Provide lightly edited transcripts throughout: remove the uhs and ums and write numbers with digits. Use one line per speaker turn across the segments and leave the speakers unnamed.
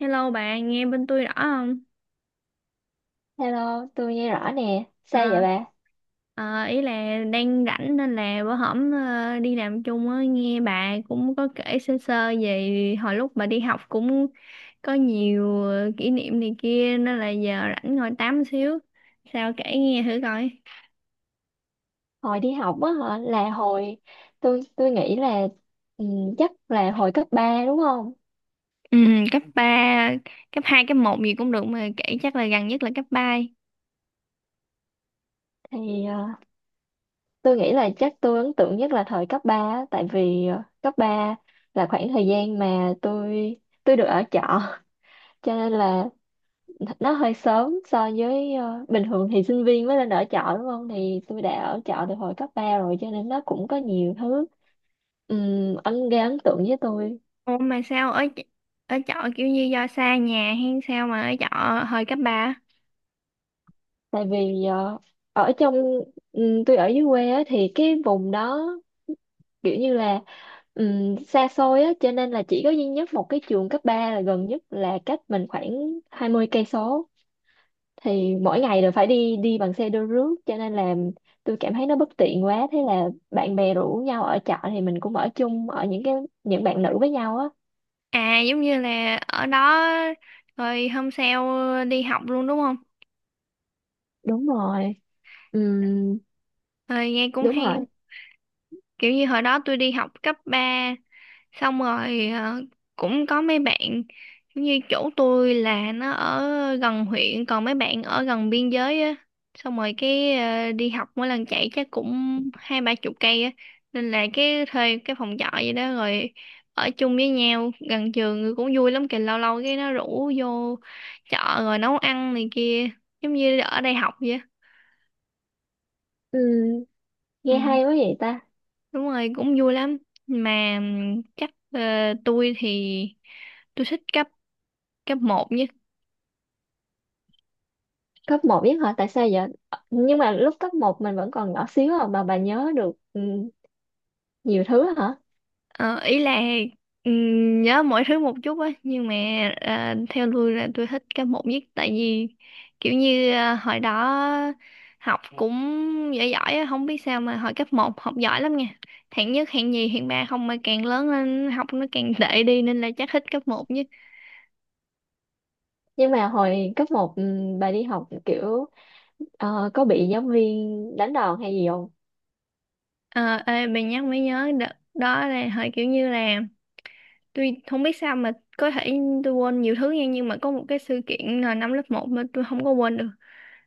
Hello bạn, nghe bên tôi rõ không?
Hello, tôi nghe rõ nè. Sao vậy
À,
bà?
ý là đang rảnh nên là bữa hổm đi làm chung á, nghe bà cũng có kể sơ sơ về hồi lúc bà đi học cũng có nhiều kỷ niệm này kia nên là giờ rảnh ngồi tám xíu. Sao kể nghe thử coi.
Hồi đi học á hả? Là hồi tôi nghĩ là ừ, chắc là hồi cấp 3 đúng không?
Ừ, cấp ba, cấp hai, cấp một gì cũng được mà kể chắc là gần nhất là cấp ba.
Thì tôi nghĩ là chắc tôi ấn tượng nhất là thời cấp ba á, tại vì cấp 3 là khoảng thời gian mà tôi được ở trọ cho nên là nó hơi sớm so với bình thường thì sinh viên mới lên ở trọ đúng không? Thì tôi đã ở trọ từ hồi cấp 3 rồi cho nên nó cũng có nhiều thứ gây ấn tượng với tôi.
Ủa mà sao ở ở trọ kiểu như do xa nhà hay sao mà ở trọ hồi cấp ba?
Tại vì ở trong tôi ở dưới quê á, thì cái vùng đó kiểu như là xa xôi á, cho nên là chỉ có duy nhất một cái trường cấp 3 là gần nhất, là cách mình khoảng 20 km. Thì mỗi ngày đều phải đi đi bằng xe đưa rước, cho nên là tôi cảm thấy nó bất tiện quá, thế là bạn bè rủ nhau ở trọ thì mình cũng ở chung, ở những bạn nữ với nhau á.
À giống như là ở đó rồi hôm sau đi học luôn đúng không?
Đúng rồi. Ừm.
Rồi nghe cũng
Đúng
hay.
rồi.
Kiểu như hồi đó tôi đi học cấp 3 xong rồi cũng có mấy bạn, giống như chỗ tôi là nó ở gần huyện còn mấy bạn ở gần biên giới á, xong rồi cái đi học mỗi lần chạy chắc cũng hai ba chục cây á, nên là cái thuê cái phòng trọ vậy đó, rồi ở chung với nhau gần trường cũng vui lắm kìa, lâu lâu cái nó rủ vô chợ rồi nấu ăn này kia, giống như ở đây học vậy á.
Ừm,
Ừ,
nghe hay quá vậy ta.
đúng rồi cũng vui lắm. Mà chắc tôi thì tôi thích cấp cấp một nhé.
Cấp một biết hả? Tại sao vậy? Ờ, nhưng mà lúc cấp một mình vẫn còn nhỏ xíu à, mà bà nhớ được nhiều thứ hả?
Ờ, ý là nhớ mọi thứ một chút á, nhưng mà theo tôi là tôi thích cấp một nhất, tại vì kiểu như hồi đó học cũng giỏi giỏi á, không biết sao mà hồi cấp một học giỏi lắm nha, hạng nhất hạng nhì hạng ba không, mà càng lớn lên học nó càng tệ đi nên là chắc thích cấp một nhất.
Nhưng mà hồi cấp một bà đi học kiểu có bị giáo viên đánh đòn hay gì không?
Ờ, ê, bà nhắc mới nhớ, đợt đó là hồi kiểu như là tôi không biết sao mà có thể tôi quên nhiều thứ nha, nhưng mà có một cái sự kiện là năm lớp một mà tôi không có quên được,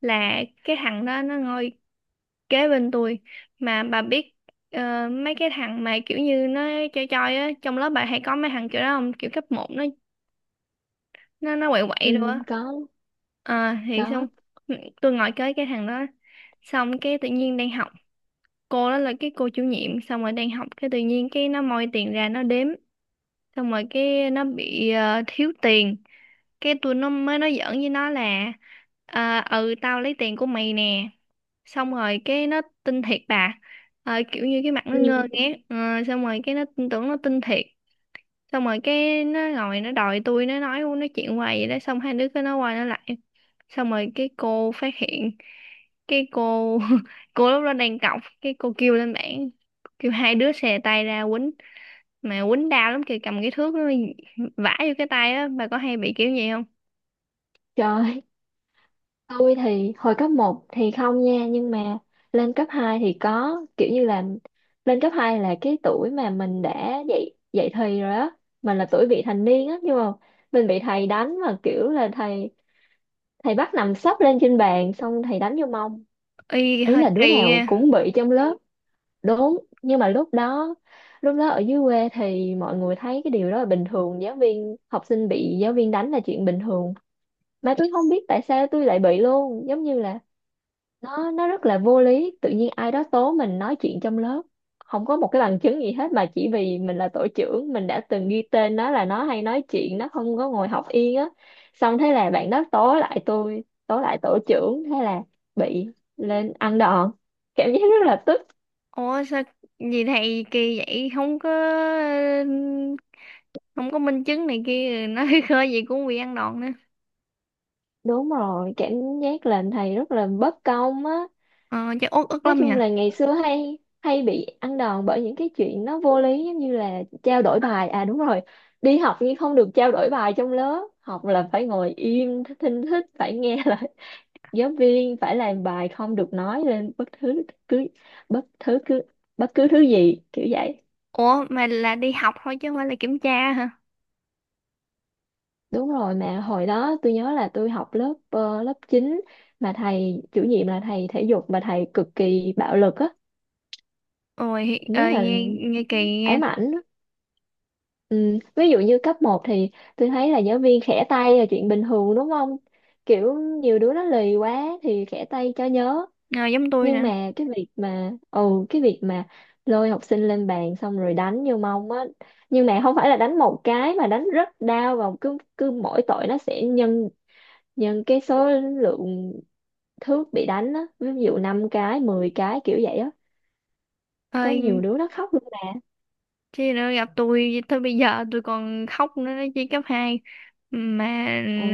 là cái thằng đó nó ngồi kế bên tôi. Mà bà biết mấy cái thằng mà kiểu như nó chơi chơi á trong lớp, bà hay có mấy thằng kiểu đó không, kiểu cấp một nó nó quậy quậy luôn
Ừ,
á.
có.
Ờ thì xong,
Có.
tôi ngồi kế cái thằng đó, xong cái tự nhiên đang học, cô đó là cái cô chủ nhiệm, xong rồi đang học cái tự nhiên cái nó moi tiền ra nó đếm, xong rồi cái nó bị thiếu tiền, cái tôi nó mới nói giỡn với nó là ờ ừ tao lấy tiền của mày nè, xong rồi cái nó tin thiệt bà. Ờ, kiểu như cái mặt nó ngơ
Ừ.
ngác. Ờ, xong rồi cái nó tin tưởng, nó tin thiệt, xong rồi cái nó ngồi nó đòi tôi, nó nói nó chuyện hoài vậy đó, xong hai đứa cứ nói qua nói lại, xong rồi cái cô phát hiện, cái cô cô lúc đó đang cọc, cái cô kêu lên bảng, kêu hai đứa xè tay ra quýnh, mà quýnh đau lắm kìa, cầm cái thước nó vả vô cái tay á, bà có hay bị kiểu gì không?
Trời, tôi thì hồi cấp một thì không nha, nhưng mà lên cấp 2 thì có. Kiểu như là lên cấp 2 là cái tuổi mà mình đã dậy dậy thì rồi á, mình là tuổi vị thành niên á, nhưng mà mình bị thầy đánh, mà kiểu là thầy thầy bắt nằm sấp lên trên bàn xong thầy đánh vô mông.
Y
Ý
hơi
là đứa
kỳ
nào
nha.
cũng bị trong lớp đúng, nhưng mà lúc đó ở dưới quê thì mọi người thấy cái điều đó là bình thường, giáo viên học sinh bị giáo viên đánh là chuyện bình thường. Mà tôi không biết tại sao tôi lại bị luôn, giống như là nó rất là vô lý, tự nhiên ai đó tố mình nói chuyện trong lớp, không có một cái bằng chứng gì hết, mà chỉ vì mình là tổ trưởng mình đã từng ghi tên nó là nó hay nói chuyện, nó không có ngồi học yên á, xong thế là bạn đó tố lại tôi, tố lại tổ trưởng, thế là bị lên ăn đòn. Cảm giác rất là tức.
Ủa sao gì thầy kỳ vậy, không có không có minh chứng này kia nó khơi gì cũng bị ăn đòn nữa.
Đúng rồi, cảm giác làm thầy rất là bất công á.
Ờ chắc uất ức
Nói
lắm nhỉ.
chung là ngày xưa hay hay bị ăn đòn bởi những cái chuyện nó vô lý, giống như là trao đổi bài à, đúng rồi, đi học nhưng không được trao đổi bài trong lớp học, là phải ngồi im thinh thích, phải nghe lời giáo viên, phải làm bài, không được nói lên cứ bất thứ cứ bất cứ thứ gì kiểu vậy.
Ủa mà là đi học thôi chứ không phải là kiểm tra hả?
Đúng rồi, mà hồi đó tôi nhớ là tôi học lớp lớp chín, mà thầy chủ nhiệm là thầy thể dục, mà thầy cực kỳ bạo lực á.
Ôi
Cảm giác
ơi
là
nghe, nghe kỳ nghe.
ám ảnh. Ừ, ví dụ như cấp một thì tôi thấy là giáo viên khẽ tay là chuyện bình thường đúng không? Kiểu nhiều đứa nó lì quá thì khẽ tay cho nhớ.
Ờ, giống tôi
Nhưng
nè.
mà cái việc mà ừ cái việc mà lôi học sinh lên bàn xong rồi đánh vô mông á, nhưng mà không phải là đánh một cái mà đánh rất đau, và cứ cứ mỗi tội nó sẽ nhân nhân cái số lượng thước bị đánh á, ví dụ 5 cái, 10 cái kiểu vậy á. Có nhiều
Ơi,
đứa nó khóc luôn mà.
chứ nữa gặp tôi tới bây giờ tôi còn khóc nữa đó chứ, cấp 2 mà.
Ồ,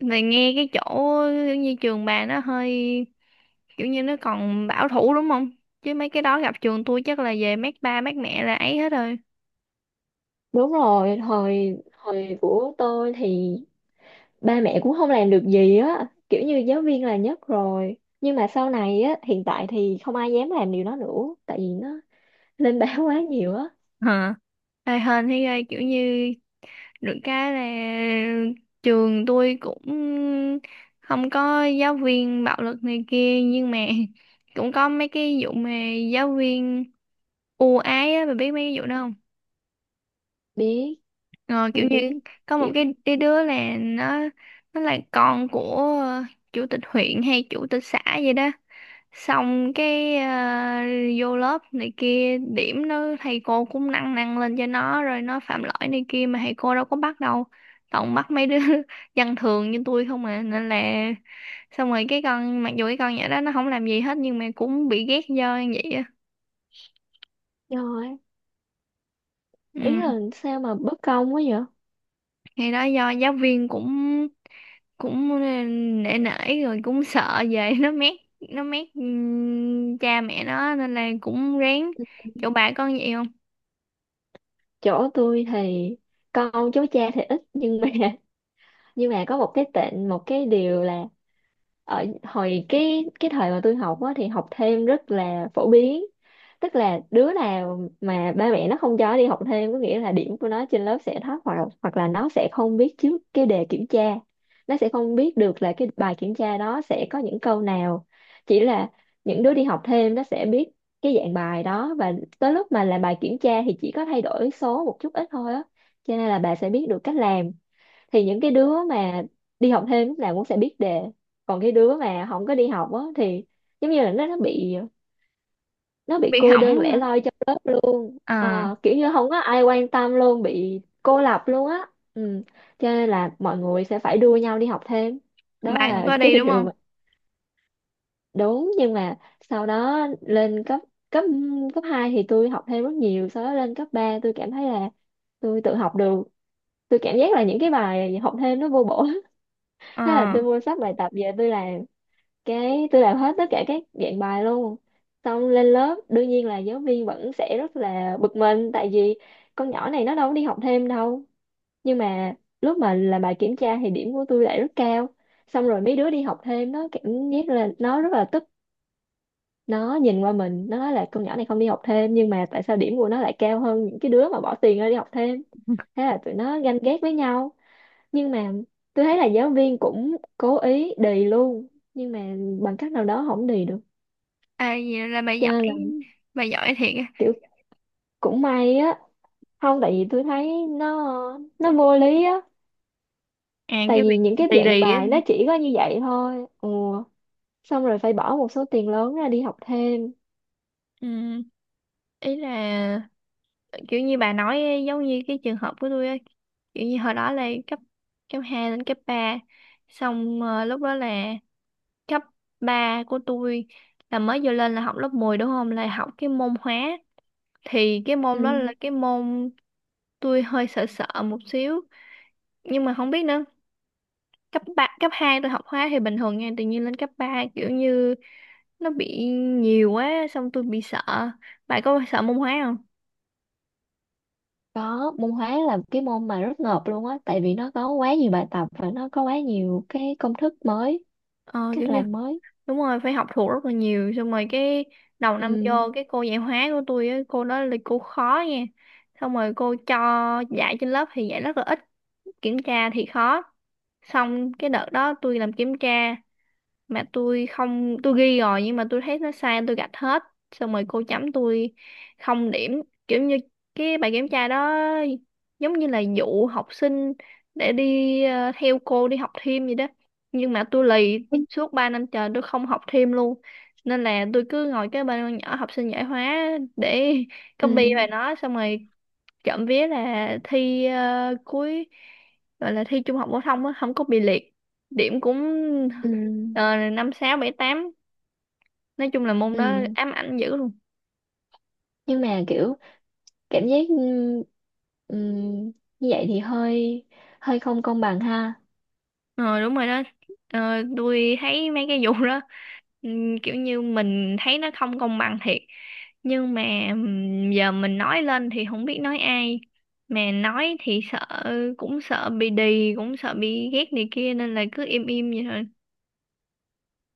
Này nghe cái chỗ như trường bà nó hơi kiểu như nó còn bảo thủ đúng không, chứ mấy cái đó gặp trường tôi chắc là về mát ba mát mẹ là ấy hết rồi.
đúng rồi, hồi hồi của tôi thì ba mẹ cũng không làm được gì á, kiểu như giáo viên là nhất rồi, nhưng mà sau này á, hiện tại thì không ai dám làm điều đó nữa tại vì nó lên báo quá nhiều á.
Hả? Ê hên thấy ghê, kiểu như được cái là trường tôi cũng không có giáo viên bạo lực này kia, nhưng mà cũng có mấy cái vụ mà giáo viên ưu ái á, bà biết mấy cái vụ đó không?
biết
Ờ, kiểu
tôi biết.
như có một
Kiểu
cái đứa là nó là con của ờ, chủ tịch huyện hay chủ tịch xã vậy đó, xong cái vô lớp này kia, điểm nó thầy cô cũng nâng nâng lên cho nó, rồi nó phạm lỗi này kia mà thầy cô đâu có bắt đâu, toàn bắt mấy đứa dân thường như tôi không à, nên là xong rồi cái con, mặc dù cái con nhỏ đó nó không làm gì hết nhưng mà cũng bị ghét do như vậy á.
rồi.
Ừ.
Ý là sao mà bất công quá vậy.
Thì đó, do giáo viên cũng cũng nể nể, rồi cũng sợ về nó mét cha mẹ nó nên là cũng rén. Chỗ bà con vậy không?
Chỗ tôi thì con cháu cha thì ít, nhưng mà nhưng mà có một cái điều là ở hồi cái thời mà tôi học á, thì học thêm rất là phổ biến, tức là đứa nào mà ba mẹ nó không cho đi học thêm có nghĩa là điểm của nó trên lớp sẽ thấp, hoặc hoặc là nó sẽ không biết trước cái đề kiểm tra, nó sẽ không biết được là cái bài kiểm tra đó sẽ có những câu nào, chỉ là những đứa đi học thêm nó sẽ biết cái dạng bài đó, và tới lúc mà làm bài kiểm tra thì chỉ có thay đổi số một chút ít thôi á, cho nên là bà sẽ biết được cách làm. Thì những cái đứa mà đi học thêm lúc nào cũng sẽ biết đề, còn cái đứa mà không có đi học á thì giống như là nó bị
Bị
cô
hỏng
đơn lẻ
hả?
loi trong lớp luôn.
À.
Ờ, kiểu như không có ai quan tâm luôn, bị cô lập luôn á. Ừ. Cho nên là mọi người sẽ phải đua nhau đi học thêm, đó
Bà cũng
là
có
cái
đi đúng
điều
không?
mà đúng. Nhưng mà sau đó lên cấp cấp cấp 2 thì tôi học thêm rất nhiều. Sau đó lên cấp 3 tôi cảm thấy là tôi tự học được, tôi cảm giác là những cái bài học thêm nó vô bổ,
Ờ.
thế là tôi mua sách bài tập về tôi làm, cái tôi làm hết tất cả các dạng bài luôn. Xong lên lớp đương nhiên là giáo viên vẫn sẽ rất là bực mình tại vì con nhỏ này nó đâu có đi học thêm đâu, nhưng mà lúc mà làm bài kiểm tra thì điểm của tôi lại rất cao. Xong rồi mấy đứa đi học thêm nó cảm giác là nó rất là tức, nó nhìn qua mình nó nói là con nhỏ này không đi học thêm, nhưng mà tại sao điểm của nó lại cao hơn những cái đứa mà bỏ tiền ra đi học thêm? Thế là tụi nó ganh ghét với nhau. Nhưng mà tôi thấy là giáo viên cũng cố ý đì luôn, nhưng mà bằng cách nào đó không đì được,
À, vậy là
cho nên là
bà giỏi thiệt á.
kiểu cũng may á. Không, tại vì tôi thấy nó vô lý á,
À
tại
cái
vì
việc
những cái
đi
dạng
đi á.
bài nó chỉ có như vậy thôi. Ừ, xong rồi phải bỏ một số tiền lớn ra đi học thêm.
Ừ. Ý là kiểu như bà nói ấy, giống như cái trường hợp của tôi á. Kiểu như hồi đó là cấp cấp 2 lên cấp 3, xong lúc đó là cấp 3 của tôi là mới vô lên là học lớp 10 đúng không? Là học cái môn hóa. Thì cái
Ừ,
môn đó là cái môn tôi hơi sợ sợ một xíu. Nhưng mà không biết nữa, cấp ba cấp 2 tôi học hóa thì bình thường nha, tự nhiên lên cấp 3 kiểu như nó bị nhiều quá xong tôi bị sợ. Bạn có sợ môn hóa không?
có, môn hóa là cái môn mà rất ngợp luôn á, tại vì nó có quá nhiều bài tập và nó có quá nhiều cái công thức mới,
Ờ kiểu
cách
như
làm mới.
đúng rồi, phải học thuộc rất là nhiều, xong rồi cái đầu năm vô,
ừ
cái cô dạy hóa của tôi á, cô đó là cô khó nha, xong rồi cô cho dạy trên lớp thì dạy rất là ít, kiểm tra thì khó, xong cái đợt đó tôi làm kiểm tra mà tôi không, tôi ghi rồi nhưng mà tôi thấy nó sai tôi gạch hết, xong rồi cô chấm tôi không điểm, kiểu như cái bài kiểm tra đó giống như là dụ học sinh để đi theo cô đi học thêm vậy đó. Nhưng mà tôi lì,
ừ
suốt 3 năm trời tôi không học thêm luôn, nên là tôi cứ ngồi cái bên con nhỏ học sinh giỏi hóa để
ừ
copy bài nó, xong rồi trộm vía là thi cuối, gọi là thi trung học phổ thông á, không có bị liệt, điểm cũng ờ, năm sáu bảy tám. Nói chung là môn đó
ừ
ám ảnh dữ luôn.
nhưng mà kiểu cảm giác ừm, như vậy thì hơi hơi không công bằng ha.
Ờ đúng rồi đó. Ờ, tôi thấy mấy cái vụ đó kiểu như mình thấy nó không công bằng thiệt, nhưng mà giờ mình nói lên thì không biết nói ai, mà nói thì sợ, cũng sợ bị đì, cũng sợ bị ghét này kia, nên là cứ im im vậy thôi.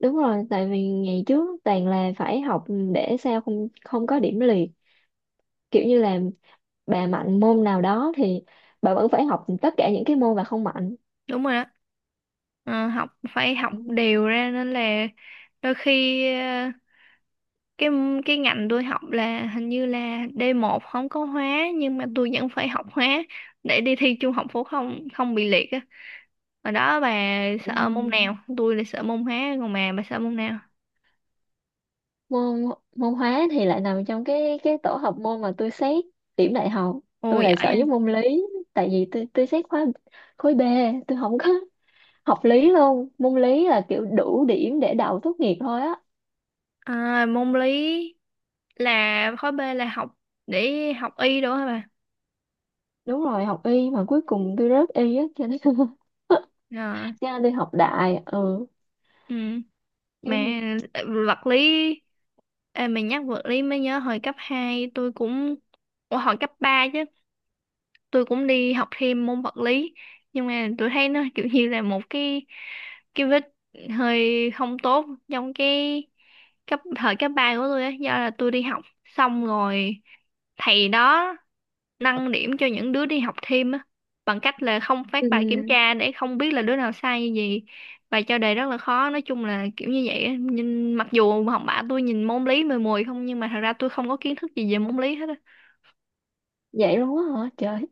Đúng rồi, tại vì ngày trước toàn là phải học để sao không không có điểm liệt, kiểu như là bà mạnh môn nào đó thì bà vẫn phải học tất cả những cái môn bà không mạnh.
Đúng rồi đó. Ờ, học phải học
Ừm.
đều ra nên là đôi khi cái cái ngành tôi học là hình như là d một không có hóa, nhưng mà tôi vẫn phải học hóa để đi thi trung học phổ thông không bị liệt á. Hồi đó bà sợ môn
Ừm.
nào? Tôi là sợ môn hóa, còn bà sợ môn nào?
môn Môn hóa thì lại nằm trong cái tổ hợp môn mà tôi xét điểm đại học.
Ồ
Tôi
giỏi
lại sợ với
vậy.
môn lý, tại vì tôi xét khối B, tôi không có học lý luôn, môn lý là kiểu đủ điểm để đậu tốt nghiệp thôi á.
À, môn lý là khối B là học để học y đúng không bà?
Đúng rồi, học y mà cuối cùng tôi rớt y á, cho nên
Ờ,
cho nên đi học đại. Ừ.
ừ.
Ừ.
Mà ờ, vật lý, ê, mình nhắc vật lý mới nhớ hồi cấp 2 tôi cũng, ủa, hồi cấp 3 chứ, tôi cũng đi học thêm môn vật lý, nhưng mà tôi thấy nó kiểu như là một cái vết hơi không tốt trong cái cấp thời cấp 3 của tôi á, do là tôi đi học xong rồi thầy đó nâng điểm cho những đứa đi học thêm á, bằng cách là không phát
Ừ.
bài kiểm tra để không biết là đứa nào sai như gì bài, cho đề rất là khó, nói chung là kiểu như vậy á. Nhưng mặc dù học bạ tôi nhìn môn lý mười mùi không, nhưng mà thật ra tôi không có kiến thức gì về môn lý hết á.
Vậy luôn á hả trời?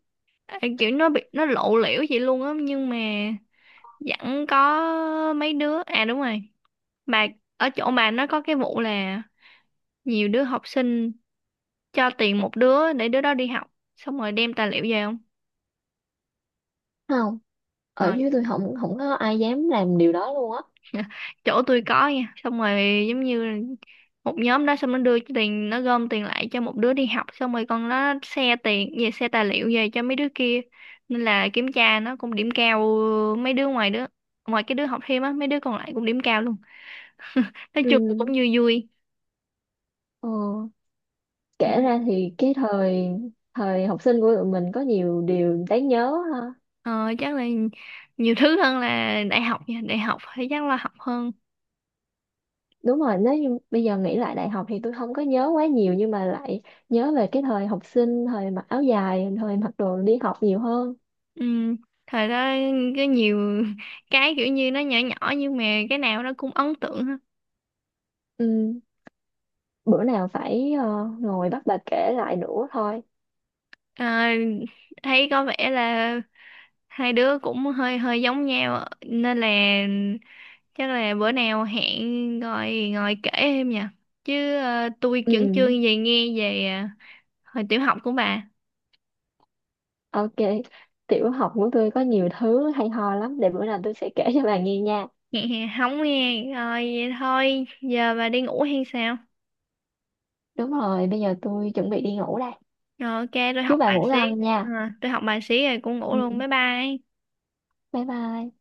Ê, kiểu nó bị nó lộ liễu vậy luôn á, nhưng mà vẫn có mấy đứa, à đúng rồi, mà ở chỗ bà nó có cái vụ là nhiều đứa học sinh cho tiền một đứa để đứa đó đi học xong rồi đem tài liệu về không?
Không, ở
Ờ,
dưới tôi không không có ai dám làm điều đó luôn á.
dạ, chỗ tôi có nha, xong rồi giống như một nhóm đó, xong nó đưa cái tiền, nó gom tiền lại cho một đứa đi học, xong rồi con nó xe tiền về, xe tài liệu về cho mấy đứa kia, nên là kiểm tra nó cũng điểm cao. Ờ, mấy đứa ngoài đứa, ngoài cái đứa học thêm á, mấy đứa còn lại cũng điểm cao luôn. Nói chung là cũng
Ừ.
vui vui.
Ừ.
Ừ.
Kể ra thì cái thời thời học sinh của tụi mình có nhiều điều đáng nhớ ha.
Ờ, chắc là nhiều thứ hơn là đại học nha, đại học thì chắc là học hơn.
Đúng rồi, nếu như bây giờ nghĩ lại đại học thì tôi không có nhớ quá nhiều, nhưng mà lại nhớ về cái thời học sinh, thời mặc áo dài, thời mặc đồ đi học nhiều hơn.
Ừ. Thời đó có nhiều cái kiểu như nó nhỏ nhỏ nhưng mà cái nào nó cũng ấn tượng.
Ừ, bữa nào phải ngồi bắt bà kể lại nữa thôi.
Ờ, thấy có vẻ là hai đứa cũng hơi hơi giống nhau nên là chắc là bữa nào hẹn ngồi ngồi kể em nha, chứ tôi
Ừ,
chưởng chương về nghe về hồi tiểu học của bà.
ok, tiểu học của tôi có nhiều thứ hay ho lắm, để bữa nào tôi sẽ kể cho bà nghe nha.
Nghe không? Nghe rồi vậy thôi, giờ bà đi ngủ hay sao?
Đúng rồi, bây giờ tôi chuẩn bị đi ngủ đây.
Rồi ok tôi học
Chúc bà
bài
ngủ
xí.
ngon nha.
Ờ, tôi học bài xí rồi cũng ngủ
Ừ,
luôn, bye bye.
bye bye.